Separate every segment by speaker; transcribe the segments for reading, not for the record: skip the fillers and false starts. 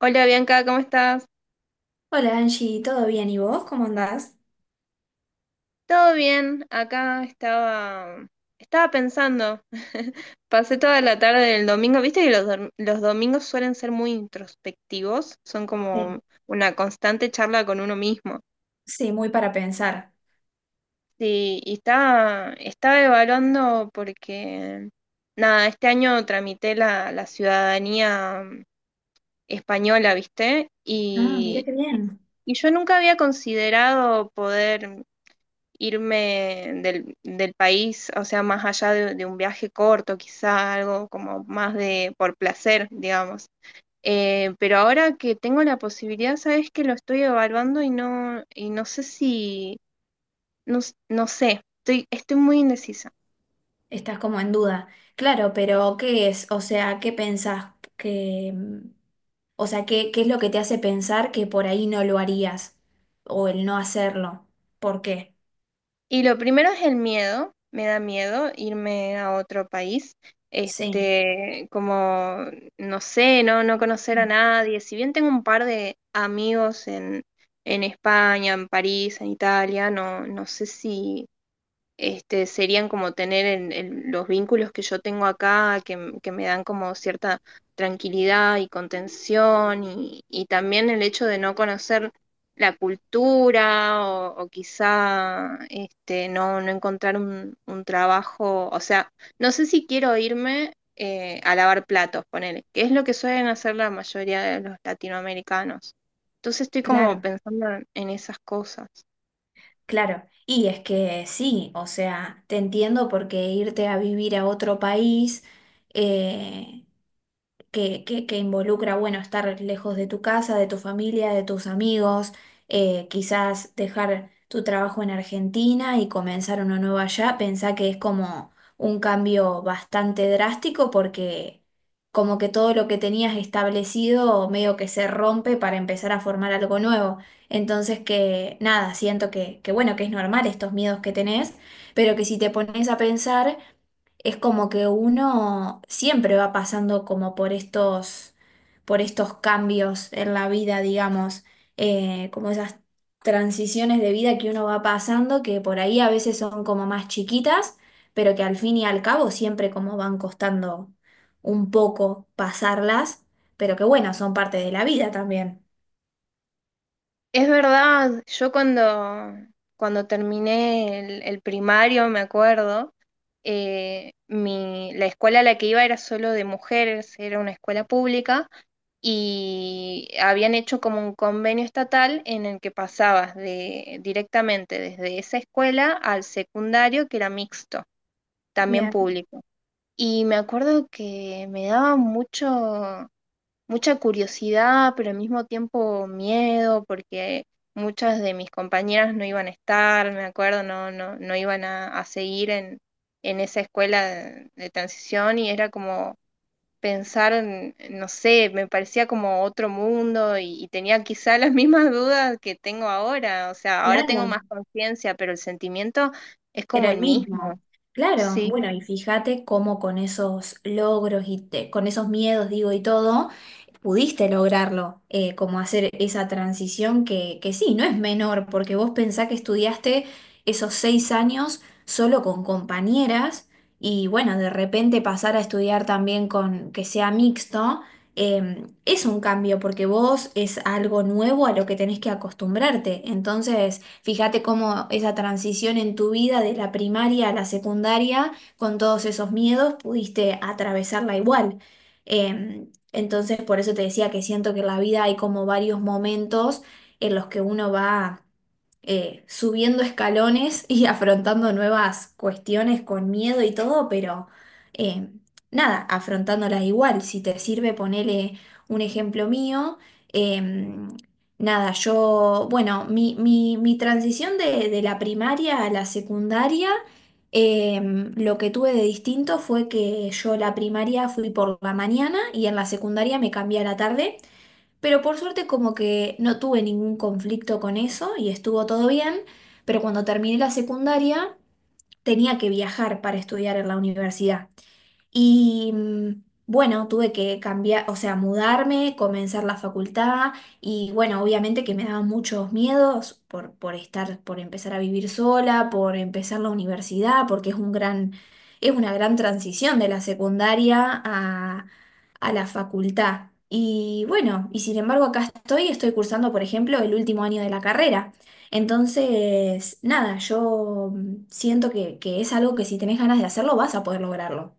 Speaker 1: Hola Bianca, ¿cómo estás?
Speaker 2: Hola Angie, ¿todo bien? ¿Y vos cómo andás?
Speaker 1: ¿Todo bien? Acá estaba pensando. Pasé toda la tarde del domingo. Viste que los domingos suelen ser muy introspectivos, son
Speaker 2: Sí.
Speaker 1: como una constante charla con uno mismo.
Speaker 2: Sí, muy para pensar.
Speaker 1: Sí, y estaba evaluando porque, nada, este año tramité la ciudadanía española, ¿viste?
Speaker 2: Ah, mira
Speaker 1: Y,
Speaker 2: qué bien.
Speaker 1: y yo nunca había considerado poder irme del país, o sea, más allá de un viaje corto, quizá algo como más de por placer, digamos. Pero ahora que tengo la posibilidad, sabes que lo estoy evaluando y no sé si, no sé, estoy muy indecisa.
Speaker 2: Estás como en duda. Claro, pero ¿qué es? O sea, ¿qué pensás? que mm, o sea, ¿qué es lo que te hace pensar que por ahí no lo harías? O el no hacerlo. ¿Por qué?
Speaker 1: Y lo primero es el miedo, me da miedo irme a otro país,
Speaker 2: Sí,
Speaker 1: este, como, no sé, no conocer a nadie, si bien tengo un par de amigos en España, en París, en Italia, no, no sé si, este, serían como tener en los vínculos que yo tengo acá, que, que me dan como cierta tranquilidad y contención, y también el hecho de no conocer la cultura o quizá este, no encontrar un trabajo, o sea, no sé si quiero irme a lavar platos, ponele, que es lo que suelen hacer la mayoría de los latinoamericanos. Entonces estoy como
Speaker 2: claro,
Speaker 1: pensando en esas cosas.
Speaker 2: claro. Y es que sí, o sea, te entiendo porque irte a vivir a otro país, eh, que involucra, bueno, estar lejos de tu casa, de tu familia, de tus amigos, quizás dejar tu trabajo en Argentina y comenzar uno nuevo allá. Pensá que es como un cambio bastante drástico, porque como que todo lo que tenías establecido medio que se rompe para empezar a formar algo nuevo. Entonces, que nada, siento que bueno, que es normal estos miedos que tenés, pero que si te pones a pensar, es como que uno siempre va pasando como por estos cambios en la vida, digamos, como esas transiciones de vida que uno va pasando, que por ahí a veces son como más chiquitas, pero que al fin y al cabo siempre como van costando un poco pasarlas, pero que bueno, son parte de la vida también.
Speaker 1: Es verdad, yo cuando, cuando terminé el primario, me acuerdo, mi, la escuela a la que iba era solo de mujeres, era una escuela pública y habían hecho como un convenio estatal en el que pasabas de, directamente desde esa escuela al secundario, que era mixto, también
Speaker 2: Bien.
Speaker 1: público. Y me acuerdo que me daba mucho, mucha curiosidad, pero al mismo tiempo miedo, porque muchas de mis compañeras no iban a estar, me acuerdo, no iban a seguir en esa escuela de transición y era como pensar, en, no sé, me parecía como otro mundo y tenía quizá las mismas dudas que tengo ahora, o sea, ahora tengo
Speaker 2: Claro,
Speaker 1: más conciencia, pero el sentimiento es como
Speaker 2: era
Speaker 1: el
Speaker 2: el
Speaker 1: mismo,
Speaker 2: mismo. Claro,
Speaker 1: sí.
Speaker 2: bueno, y fíjate cómo con esos logros y con esos miedos, digo, y todo, pudiste lograrlo, como hacer esa transición que sí, no es menor, porque vos pensás que estudiaste esos 6 años solo con compañeras y bueno, de repente pasar a estudiar también con que sea mixto, es un cambio porque vos es algo nuevo a lo que tenés que acostumbrarte. Entonces, fíjate cómo esa transición en tu vida de la primaria a la secundaria, con todos esos miedos, pudiste atravesarla igual. Em, entonces, por eso te decía que siento que en la vida hay como varios momentos en los que uno va subiendo escalones y afrontando nuevas cuestiones con miedo y todo, pero eh, nada, afrontándolas igual. Si te sirve, ponele un ejemplo mío. em, Nada, yo, bueno, mi transición de la primaria a la secundaria. Lo que tuve de distinto fue que yo la primaria fui por la mañana y en la secundaria me cambié a la tarde, pero por suerte como que no tuve ningún conflicto con eso y estuvo todo bien. Pero cuando terminé la secundaria, tenía que viajar para estudiar en la universidad. Y mm, bueno, tuve que cambiar, o sea, mudarme, comenzar la facultad y bueno, obviamente que me daban muchos miedos por estar, por empezar a vivir sola, por empezar la universidad, porque es un gran, es una gran transición de la secundaria a la facultad. Y bueno, y sin embargo acá estoy, estoy cursando, por ejemplo, el último año de la carrera. Entonces, nada, yo mm, siento que es algo que si tenés ganas de hacerlo, vas a poder lograrlo.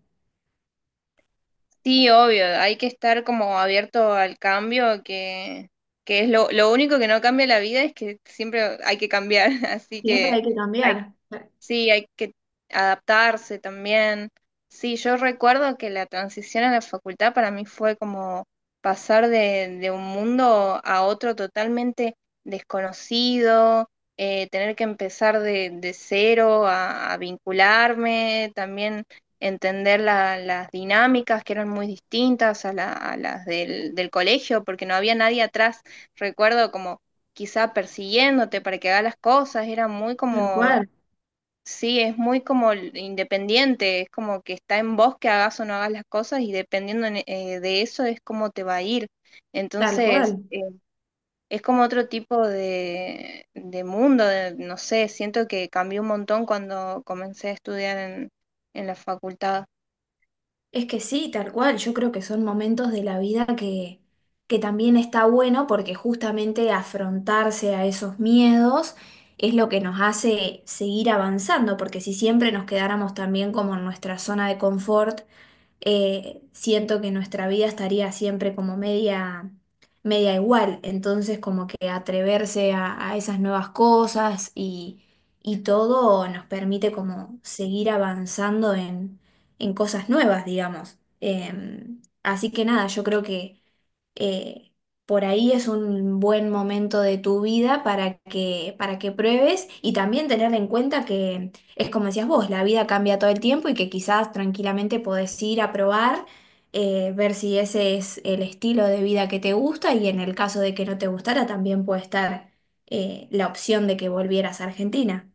Speaker 1: Sí, obvio, hay que estar como abierto al cambio, que es lo único que no cambia la vida es que siempre hay que cambiar, así
Speaker 2: Siempre
Speaker 1: que
Speaker 2: hay que
Speaker 1: hay,
Speaker 2: cambiar,
Speaker 1: sí, hay que adaptarse también. Sí, yo recuerdo que la transición a la facultad para mí fue como pasar de un mundo a otro totalmente desconocido, tener que empezar de cero a vincularme, también entender las dinámicas que eran muy distintas a, a las del colegio, porque no había nadie atrás, recuerdo como quizá persiguiéndote para que hagas las cosas, era muy
Speaker 2: tal
Speaker 1: como
Speaker 2: cual,
Speaker 1: sí, es muy como independiente, es como que está en vos que hagas o no hagas las cosas y dependiendo de eso es como te va a ir.
Speaker 2: tal
Speaker 1: Entonces,
Speaker 2: cual.
Speaker 1: es como otro tipo de mundo, de- no sé, siento que cambió un montón cuando comencé a estudiar en la facultad.
Speaker 2: Es que sí, tal cual. Yo creo que son momentos de la vida que también está bueno porque justamente afrontarse a esos miedos es lo que nos hace seguir avanzando, porque si siempre nos quedáramos también como en nuestra zona de confort, siento que nuestra vida estaría siempre como media igual. Entonces, como que atreverse a esas nuevas cosas y todo nos permite como seguir avanzando en cosas nuevas, digamos. Así que nada, yo creo que eh, por ahí es un buen momento de tu vida para que pruebes y también tener en cuenta que es como decías vos, la vida cambia todo el tiempo y que quizás tranquilamente podés ir a probar, ver si ese es el estilo de vida que te gusta, y en el caso de que no te gustara, también puede estar la opción de que volvieras a Argentina.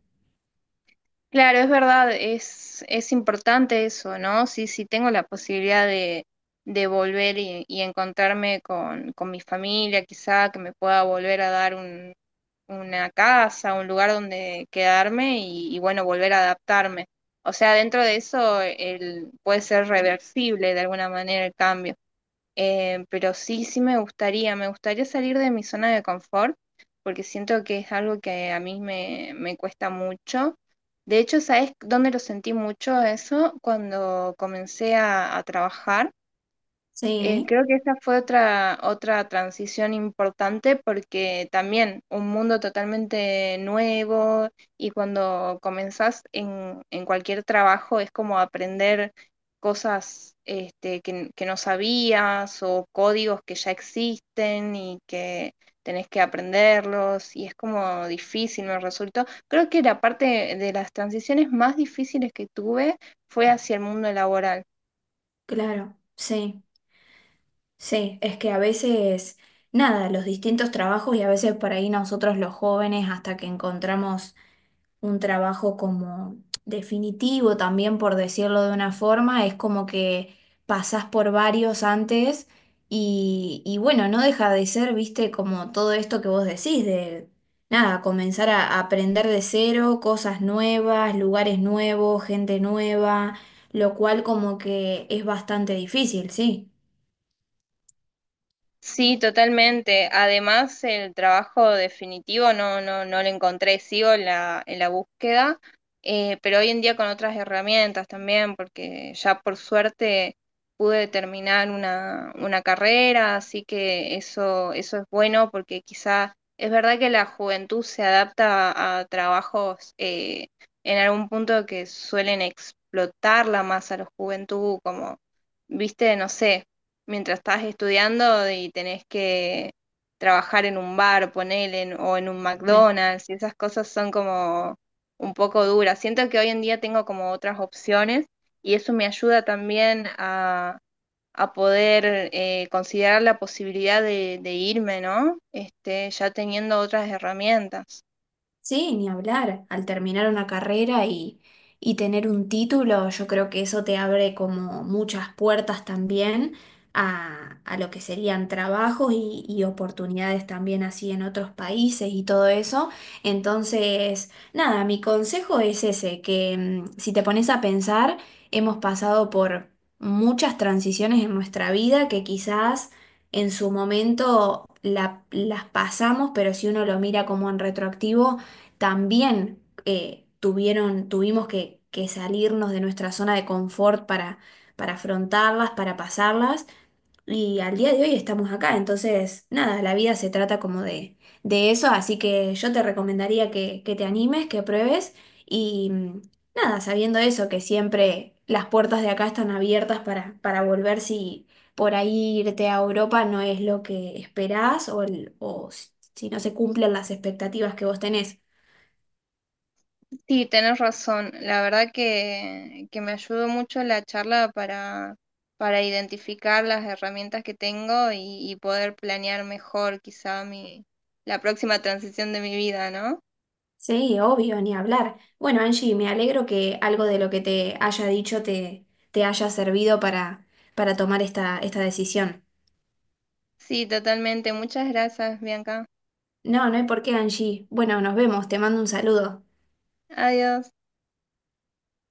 Speaker 1: Claro, es verdad, es importante eso, ¿no? Sí, sí tengo la posibilidad de volver y encontrarme con mi familia, quizá que me pueda volver a dar un una casa, un lugar donde quedarme y, bueno, volver a adaptarme. O sea, dentro de eso el, puede ser reversible de alguna manera el cambio. Pero sí, sí me gustaría salir de mi zona de confort porque siento que es algo que a mí me, me cuesta mucho. De hecho, ¿sabes dónde lo sentí mucho eso? Cuando comencé a trabajar
Speaker 2: Sí,
Speaker 1: creo que esa fue otra, otra transición importante porque también un mundo totalmente nuevo y cuando comenzás en cualquier trabajo es como aprender cosas este, que no sabías o códigos que ya existen y que tenés que aprenderlos y es como difícil, me resultó. Creo que la parte de las transiciones más difíciles que tuve fue hacia el mundo laboral.
Speaker 2: claro, sí. Sí, es que a veces, nada, los distintos trabajos y a veces por ahí nosotros los jóvenes hasta que encontramos un trabajo como definitivo también, por decirlo de una forma, es como que pasás por varios antes, y bueno, no deja de ser, viste, como todo esto que vos decís de, nada, comenzar a aprender de cero, cosas nuevas, lugares nuevos, gente nueva, lo cual como que es bastante difícil, sí.
Speaker 1: Sí, totalmente. Además, el trabajo definitivo no lo encontré, sigo en la búsqueda, pero hoy en día con otras herramientas también, porque ya por suerte pude terminar una carrera, así que eso es bueno, porque quizá es verdad que la juventud se adapta a trabajos en algún punto que suelen explotarla más a la juventud, como, viste, no sé mientras estás estudiando y tenés que trabajar en un bar, ponele, o en un McDonald's, y esas cosas son como un poco duras. Siento que hoy en día tengo como otras opciones y eso me ayuda también a poder considerar la posibilidad de irme, ¿no? Este, ya teniendo otras herramientas.
Speaker 2: Sí, ni hablar. Al terminar una carrera y tener un título, yo creo que eso te abre como muchas puertas también a lo que serían trabajos y oportunidades también así en otros países y todo eso. Entonces, nada, mi consejo es ese, que mm, si te pones a pensar, hemos pasado por muchas transiciones en nuestra vida que quizás... En su momento las pasamos, pero si uno lo mira como en retroactivo, también tuvimos que salirnos de nuestra zona de confort para afrontarlas, para pasarlas, y al día de hoy estamos acá. Entonces, nada, la vida se trata como de eso, así que yo te recomendaría que te animes, que pruebes, y mm, nada, sabiendo eso, que siempre las puertas de acá están abiertas para volver si... Por ahí irte a Europa no es lo que esperás o, o si si no se cumplen las expectativas que vos tenés.
Speaker 1: Sí, tenés razón. La verdad que me ayudó mucho la charla para identificar las herramientas que tengo y poder planear mejor quizá mi, la próxima transición de mi vida, ¿no?
Speaker 2: Sí, obvio, ni hablar. Bueno, Angie, me alegro que algo de lo que te haya dicho te haya servido para tomar esta decisión.
Speaker 1: Sí, totalmente. Muchas gracias, Bianca.
Speaker 2: No, no hay por qué, Angie. Bueno, nos vemos, te mando un saludo.
Speaker 1: Adiós.